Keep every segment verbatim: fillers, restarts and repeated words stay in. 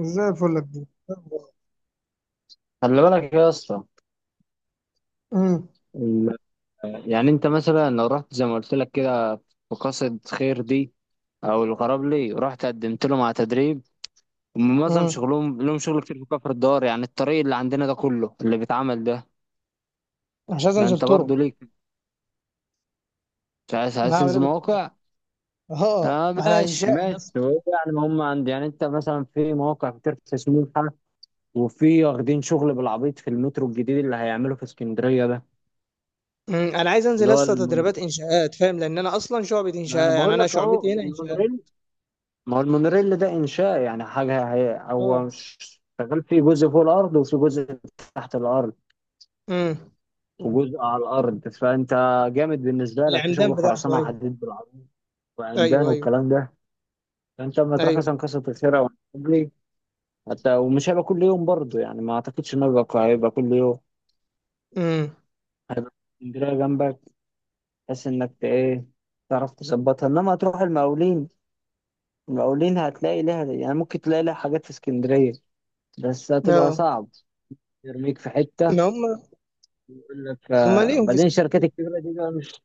زي الفل يا كبير. خلي بالك يا اسطى. امم. ال- يعني انت مثلا لو رحت زي ما قلت لك كده في قصد خير دي، او الغراب لي رحت قدمت لهم على تدريب. هم معظم امم. شغلهم، لهم شغل كتير في كفر الدار. يعني الطريق اللي عندنا ده كله اللي بيتعمل ده. مش عايز ما انزل انت برضو طرق. ليك، مش عايز انا عايز هعمل تنزل ايه بالطرق؟ مواقع. اه، اه، انا ماشي انشائي يا ماشي. اسطى. هو يعني ما هم عندي، يعني انت مثلا في مواقع كتير في سموحة، وفي واخدين شغل بالعبيط في المترو الجديد اللي هيعمله في اسكندرية ده، أمم، انا عايز انزل اللي هو لسه المونوريل. تدريبات انشاءات، فاهم؟ لان انا اصلا شعبة انا انشاء، يعني بقول انا لك اهو شعبتي هنا انشاءات. المونوريل. ما هو المونوريل ده انشاء، يعني حاجه. هي اه. هو ش- شغال في جزء فوق الارض، وفي جزء تحت الارض، امم. وجزء على الارض. فانت جامد، بالنسبه لك في العمدان شغل بتاعته، خرسانه ايوه. وحديد بالعرض وعمدان ايوه ايوه. والكلام ده. فانت لما تروح ايوه. مثلا قصه الخير، او الحجري حتى، ومش هيبقى كل يوم برضه. يعني ما اعتقدش انه هيبقى هيبقى كل يوم. امم. هيبقى اسكندريه جنبك، بحيث انك ت- ايه، تعرف تظبطها. انما تروح المقاولين، المقاولين هتلاقي لها، يعني ممكن تلاقي لها حاجات في اسكندريه، بس هتبقى اه. صعب. يرميك في حته، ما هم يقول لك هم آه. ليهم في بعدين الشركات اسكندريه. الكبيره دي بقى مش،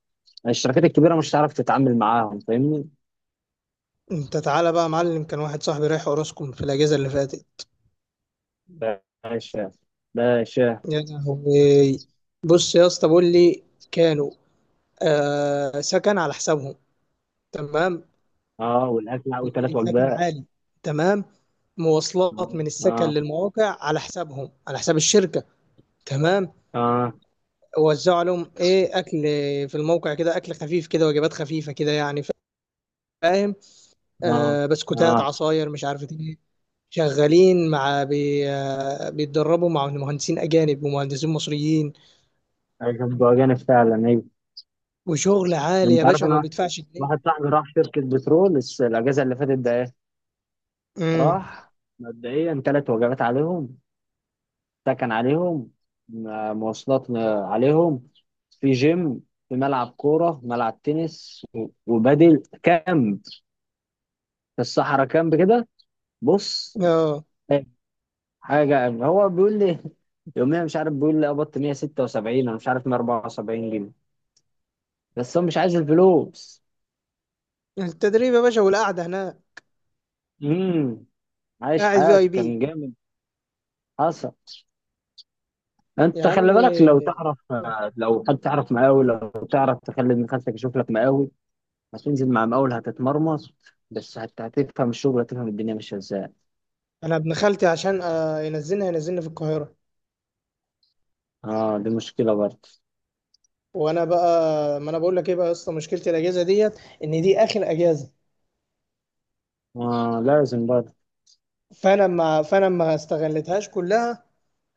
الشركات الكبيره مش هتعرف تتعامل معاهم، فاهمني؟ انت تعالى بقى يا معلم، كان واحد صاحبي رايح اوراسكوم في الاجازه اللي فاتت. باشا، باشا. يا لهوي. بص يا اسطى بقول لي. كانوا آه، سكن على حسابهم. تمام. اه، والاكل اللي وثلاث سكن وجبات. عالي. تمام. اه، مواصلات من السكن اه، للمواقع على حسابهم، على حساب الشركة. تمام. اه، وزعوا لهم ايه، اكل؟ في الموقع كده اكل خفيف كده، وجبات خفيفة كده يعني، فاهم؟ اه، آه، بسكوتات، اه. عصاير، مش عارف ايه. شغالين مع بي آه بيتدربوا مع مهندسين اجانب ومهندسين مصريين. أجب وأجانب فعلا، ايوه. وشغل عالي يا انت عارف باشا، وما انا، بيدفعش جنيه. واحد صاحبي راح شركه بترول الس- الاجازه اللي فاتت ده، ايه. امم. راح مبدئيا، ثلاث وجبات عليهم، سكن عليهم، م- مواصلات عليهم، في جيم، في ملعب كوره، ملعب تنس، و- وبدل كامب في الصحراء، كامب كده. بص، اه. حاجه هو بيقول لي يوميا مش عارف، بيقول لي قبضت مية وستة وسبعين، انا مش عارف مية واربعة وسبعين جنيه. بس هو مش عايز الفلوس. التدريب يا باشا والقعدة هناك. امم، عايش قاعد في اي حياته بي. كان جامد. حصل. يا انت عم. خلي بالك لو تعرف، لو حد تعرف مقاول، لو تعرف تخلي ابن خالتك يشوف لك مقاول. هتنزل مع مقاول، هتتمرمط، بس هت- هتفهم الشغل، هتفهم الدنيا ماشيه ازاي. انا ابن خالتي عشان آه، ينزلني، هينزلني في القاهره. اه، دي مشكله برضه. وانا بقى، ما انا بقول لك ايه بقى يا اسطى، مشكلتي الاجازه ديت، ان دي اخر اجازه. اه، لازم برضه. فانا ما فانا ما استغلتهاش كلها.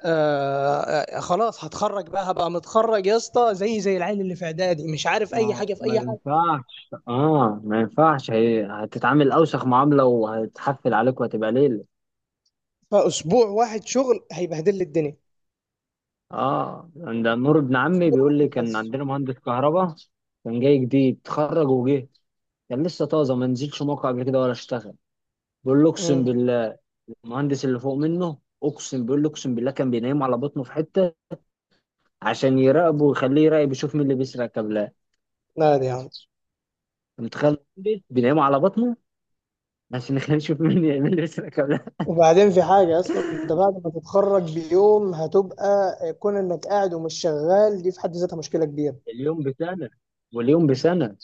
آه. آه، خلاص، هتخرج بقى، هبقى متخرج يا اسطى، زي زي العيل اللي في اعدادي، مش عارف اي ما حاجه في ما اي حاجه. ينفعش. اه، ما ينفعش. هي هتتعامل اوسخ معامله، وهتحفل عليك، وهتبقى ليله. فاسبوع واحد شغل هيبهدل لي الدنيا. اه، عند نور ابن عمي بيقول لي، واحد كان بس. عندنا مهندس كهرباء، كان جاي جديد اتخرج وجه، كان لسه طازه، ما نزلش موقع قبل كده ولا اشتغل. بيقول له اقسم امم. بالله، المهندس اللي فوق منه اقسم، بيقول له اقسم بالله كان بينام على بطنه في حته، عشان يراقبه ويخليه يراقب، يشوف مين اللي بيسرق كابلات. لا، دي يا عم. أنت متخيل مهندس بينام على بطنه، عشان يخليه يشوف مين مين اللي بيسرق كابلات؟ وبعدين في حاجة أصلا، أنت بعد ما تتخرج بيوم هتبقى كون إنك قاعد ومش شغال، دي في حد ذاتها مشكلة كبيرة. اليوم بسنه، واليوم بسنه.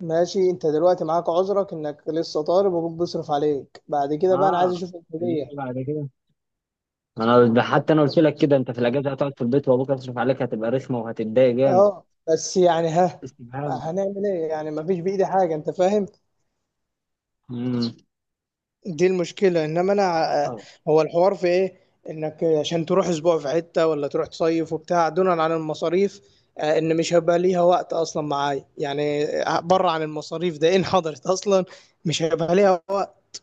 ماشي، انت دلوقتي معاك عذرك انك لسه طالب وابوك بيصرف عليك، بعد كده بقى انا عايز اه، اشوف إنما الكلية. بعد كده، انا ده حتى انا قلت لك كده، انت في الاجازه هتقعد في البيت، وابوك هيصرف عليك، هتبقى رخمه وهتتضايق جامد. اه بس يعني، ها؟ استفهام؟ هنعمل ايه يعني؟ ما فيش بايدي حاجه، انت فاهم. امم. دي المشكله، انما انا ع- آه. هو الحوار في ايه؟ انك عشان تروح اسبوع في حته، ولا تروح تصيف وبتاع، دونا عن المصاريف. آه، ان مش هيبقى ليها وقت اصلا معايا يعني، آه، بره عن المصاريف، ده ان حضرت اصلا مش هيبقى ليها وقت.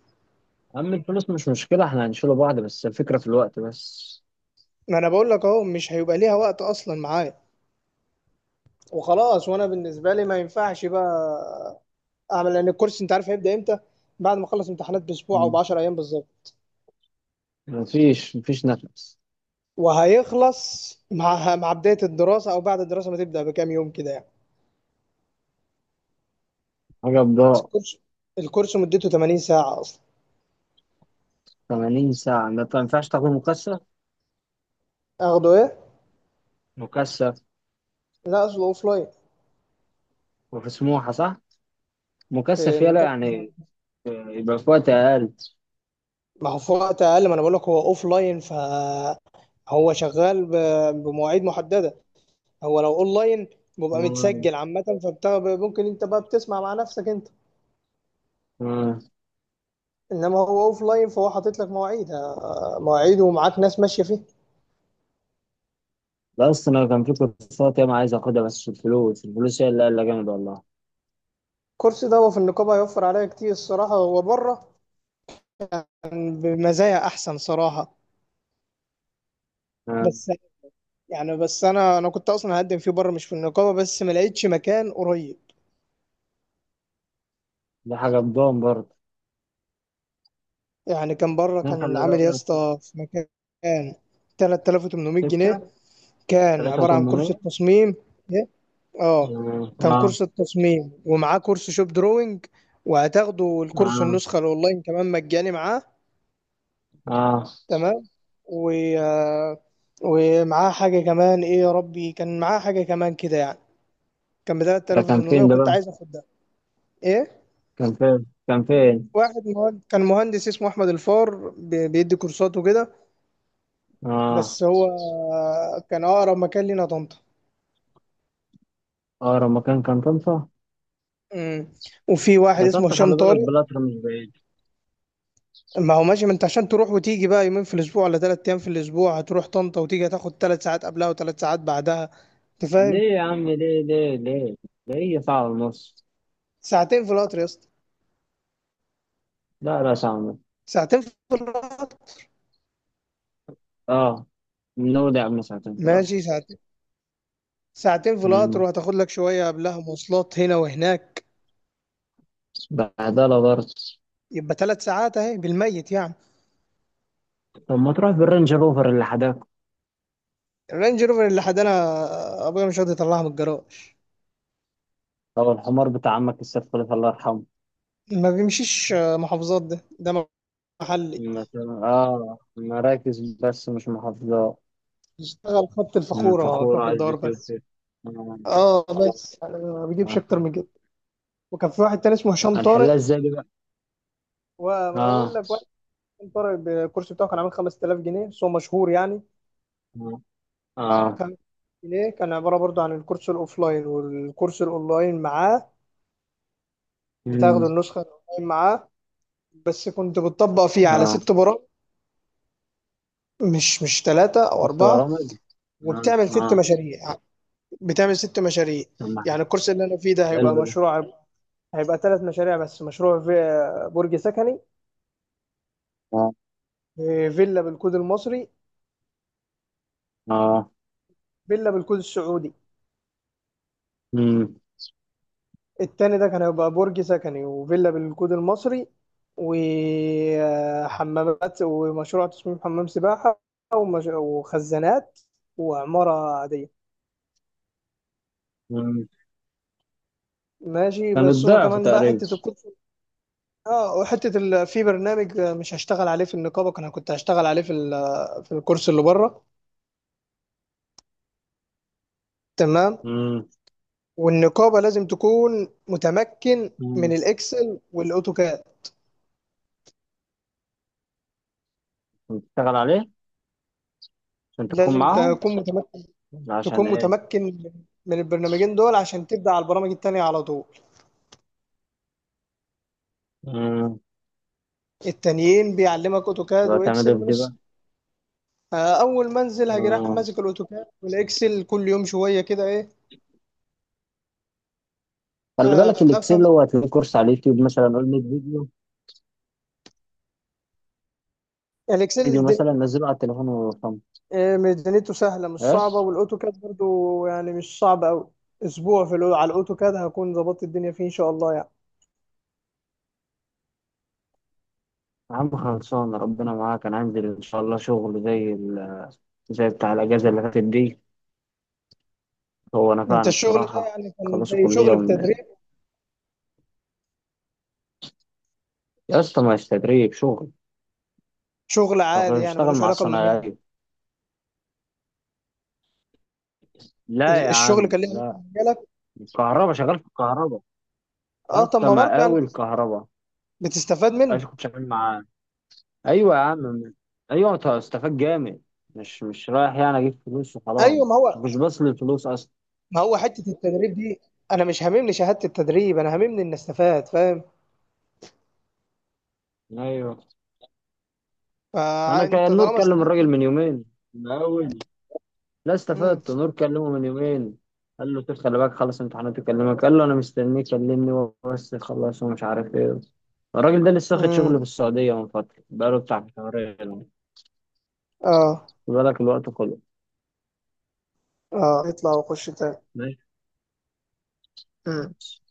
اما الفلوس مش مشكله، احنا هنشيله بعض، بس الفكره في الوقت بس. ما انا بقول لك اهو، مش هيبقى ليها وقت اصلا معايا، وخلاص، وانا بالنسبه لي ما ينفعش بقى اعمل، لان الكورس انت عارف هيبدا امتى؟ بعد ما اخلص امتحانات باسبوع او ب مم. عشرة ايام بالظبط، مفيش مفيش نفس. وهيخلص مع مع بدايه الدراسه، او بعد الدراسه ما تبدا بكام يوم كده يعني. حاجه بس بضاعة. الكورس، الكورس مدته ثمانين ساعه اصلا. تمانين ساعه؟ ما ما ينفعش، تاخد مكثف. اخده ايه؟ مكثف، لا، اصله اوف لاين. وفي سموحه صح. في مكثف يلا، نقاط يعني. المعرفة. آه، يبقى في وقت اقل. ما هو في وقت اقل، ما انا بقول لك هو اوف لاين، فهو شغال ب- بمواعيد محدده. هو لو اون لاين بيبقى آه. متسجل عامه، فممكن انت بقى بتسمع مع نفسك انت. آه. انما هو اوف لاين، فهو حاطط لك مواعيد، آه، مواعيد ومعاك ناس ماشيه فيه. ده اصلا أنا كان في كورسات ياما عايز اخدها، بس الفلوس، الفلوس هي اللي قال جامد والله. الكورس ده هو في النقابه هيوفر عليا كتير الصراحه، هو بره كان بمزايا احسن صراحه، آه. بس. يعني بس انا انا كنت اصلا هقدم فيه بره مش في النقابه، بس ما لقيتش مكان قريب. دي حاجة بضان برضه. يعني كان بره، اتنين، كان خلي عامل يا بالك. اسطى في مكان ثلاثة آلاف وثمانمائة جنيه. ستة. كان تلاتة عباره عن كورس وتمنمية. التصميم. إيه؟ اه، كان اه. كورس التصميم ومعاه كورس شوب دروينج، وهتاخدوا الكورس اه. النسخه الاونلاين كمان مجاني معاه. اه. تمام. و، آه، ومعاه حاجة كمان، ايه يا ربي، كان معاه حاجة كمان كده يعني. كان ب ده كان تلت تلاف وتمنمية، فين ده وكنت بقى؟ عايز اخد ده. ايه؟ كان فين؟ كان فين؟ واحد مهند... كان مهندس اسمه احمد الفار، بي- بيدي كورسات وكده. اه. بس هو، آه، كان اقرب مكان لينا طنطا. اقرب مكان كان طنطا. امم. وفي واحد يا اسمه طنطا هشام خلي بالك، طارق. بلاتر مش بعيد. ما هو ماشي، ما انت عشان تروح وتيجي بقى يومين في الاسبوع ولا ثلاث أيام في الاسبوع، هتروح طنطا وتيجي هتاخد ثلاث ساعات قبلها وثلاث ساعات بعدها، انت فاهم؟ ليه يا عم؟ ليه ليه ليه؟ ده هي ساعة ونص. ساعتين في القطر يا اسطى. لا لا، ساعة ونص. ساعتين في القطر. اه، نودع من ساعتين ثلاثة. ماشي، ساعتين. ساعتين في القطر، امم. وهتاخد لك شوية قبلها مواصلات هنا وهناك، بهدلة برضه. يبقى ثلاث ساعات اهي بالميت يعني. طب ما تروح بالرينج روفر اللي حداك، الرينج روفر اللي حدانا، ابويا مش راضي يطلعها من الجراج. او الحمار بتاع عمك السيد خليفة الله يرحمه. ما بيمشيش محافظات، ده ده محلي، مثلا اه، مراكز بس مش محافظات. يشتغل خط مم، الفخورة فخورة كفر عايز الدوار بتيوت بس. كده. آه. اه، بس انا ما بجيبش آه. اكتر من كده. وكان في واحد تاني اسمه هشام هنحلها طارق. ازاي دي بقى؟ وما اقول اه، لك واحد، هشام طارق بالكرسي بتاعه كان عامل خمسة آلاف جنيه، بس هو مشهور يعني. اه، اه، خمسة آلاف جنيه كان عبارة برضو عن الكورس الاوفلاين والكورس الاونلاين معاه، مم، بتاخدوا النسخة الأونلاين معاه. بس كنت بتطبق فيه على اه. ست برامج، مش مش ثلاثة أو شفت أربعة. برامج. اه، وبتعمل ست اه. مشاريع بتعمل ست مشاريع. طب ما. يعني الكورس اللي أنا فيه ده هيبقى حلو ده. مشروع، هيبقى ثلاث مشاريع بس، مشروع في برج سكني، اه، فيلا بالكود المصري، اه، فيلا بالكود السعودي. مم، التاني ده كان هيبقى برج سكني، وفيلا بالكود المصري، وحمامات، ومشروع تصميم حمام سباحة، ومش- وخزانات، وعمارة عادية. مم. ماشي، كان بس هو الضعف كمان بقى تقريبا. حته الكود. اه، وحته ال... في برنامج مش هشتغل عليه في النقابه، انا كنت هشتغل عليه في ال... في الكورس اللي بره. تمام. مم، والنقابه لازم تكون متمكن من مم. الاكسل والاوتوكاد. بتشتغل عليه عشان تكون لازم معاهم. تكون متمكن عشان تكون ايه؟ متمكن من البرنامجين دول عشان تبدا على البرامج التانيه على طول. امم. التانيين بيعلمك اوتوكاد وهتعمل واكسل ايه في من دي بقى؟ الصفر. آه، اول ما انزل هاجي رايح مم. ماسك الاوتوكاد والاكسل كل يوم شويه كده ايه. خلي آه، بالك، افهم الاكسل هو هتلاقيه كورس على اليوتيوب مثلا، قول ميه فيديو. فيديو الاكسل. مثلا نزله على التليفون ويرقم. إيه، ميزانيته سهلة مش ايه؟ صعبة، والأوتوكاد برضو يعني مش صعب أوي. أسبوع في الأو... على الأوتوكاد هكون ظبطت الدنيا فيه إن شاء الله يعني. يا عم خلصان، ربنا معاك. انا عندي ان شاء الله شغل زي ال... زي بتاع الاجازه اللي فاتت دي، هو أنت نفعني الشغل ده بصراحه. يعني كان خلصوا زي كليه شغل ون... بتدريب؟ يا اسطى، ما فيش تدريب شغل. شغل طب عادي يعني اشتغل ملوش مع علاقة بمجالك. الصنايعيه. لا يا الشغل عم، كان ليه علاقة لا. بمجالك. الكهرباء شغال في الكهرباء. يا أه، طب اسطى ما برضه يعني مقاول الكهرباء، بتستفاد ايش منه. كنت شغال معاه؟ ايوه يا عم، ايوه، انت استفاد جامد. مش مش رايح يعني اجيب فلوس وخلاص، أيوه، ما هو، مش بس للفلوس اصلا. ما هو حتة التدريب دي، أنا مش هاممني شهادة التدريب، أنا هاممني إني أستفاد، فاهم؟ ايوه. انا فأنت كان نور طالما كلم الراجل استفدت. من يومين، من اول، لا مم. استفدت، نور كلمه من يومين. قال له طب خلي بالك، خلص امتحانات يكلمك، قال له انا مستنيك كلمني هو بس خلص ومش عارف ايه. الراجل ده لسه واخد شغل مم. في السعوديه من فتره، بقاله بتاع شهرين. أه. خد بالك الوقت كله. أه، اطلع وخش تاني. ماشي. خلاص.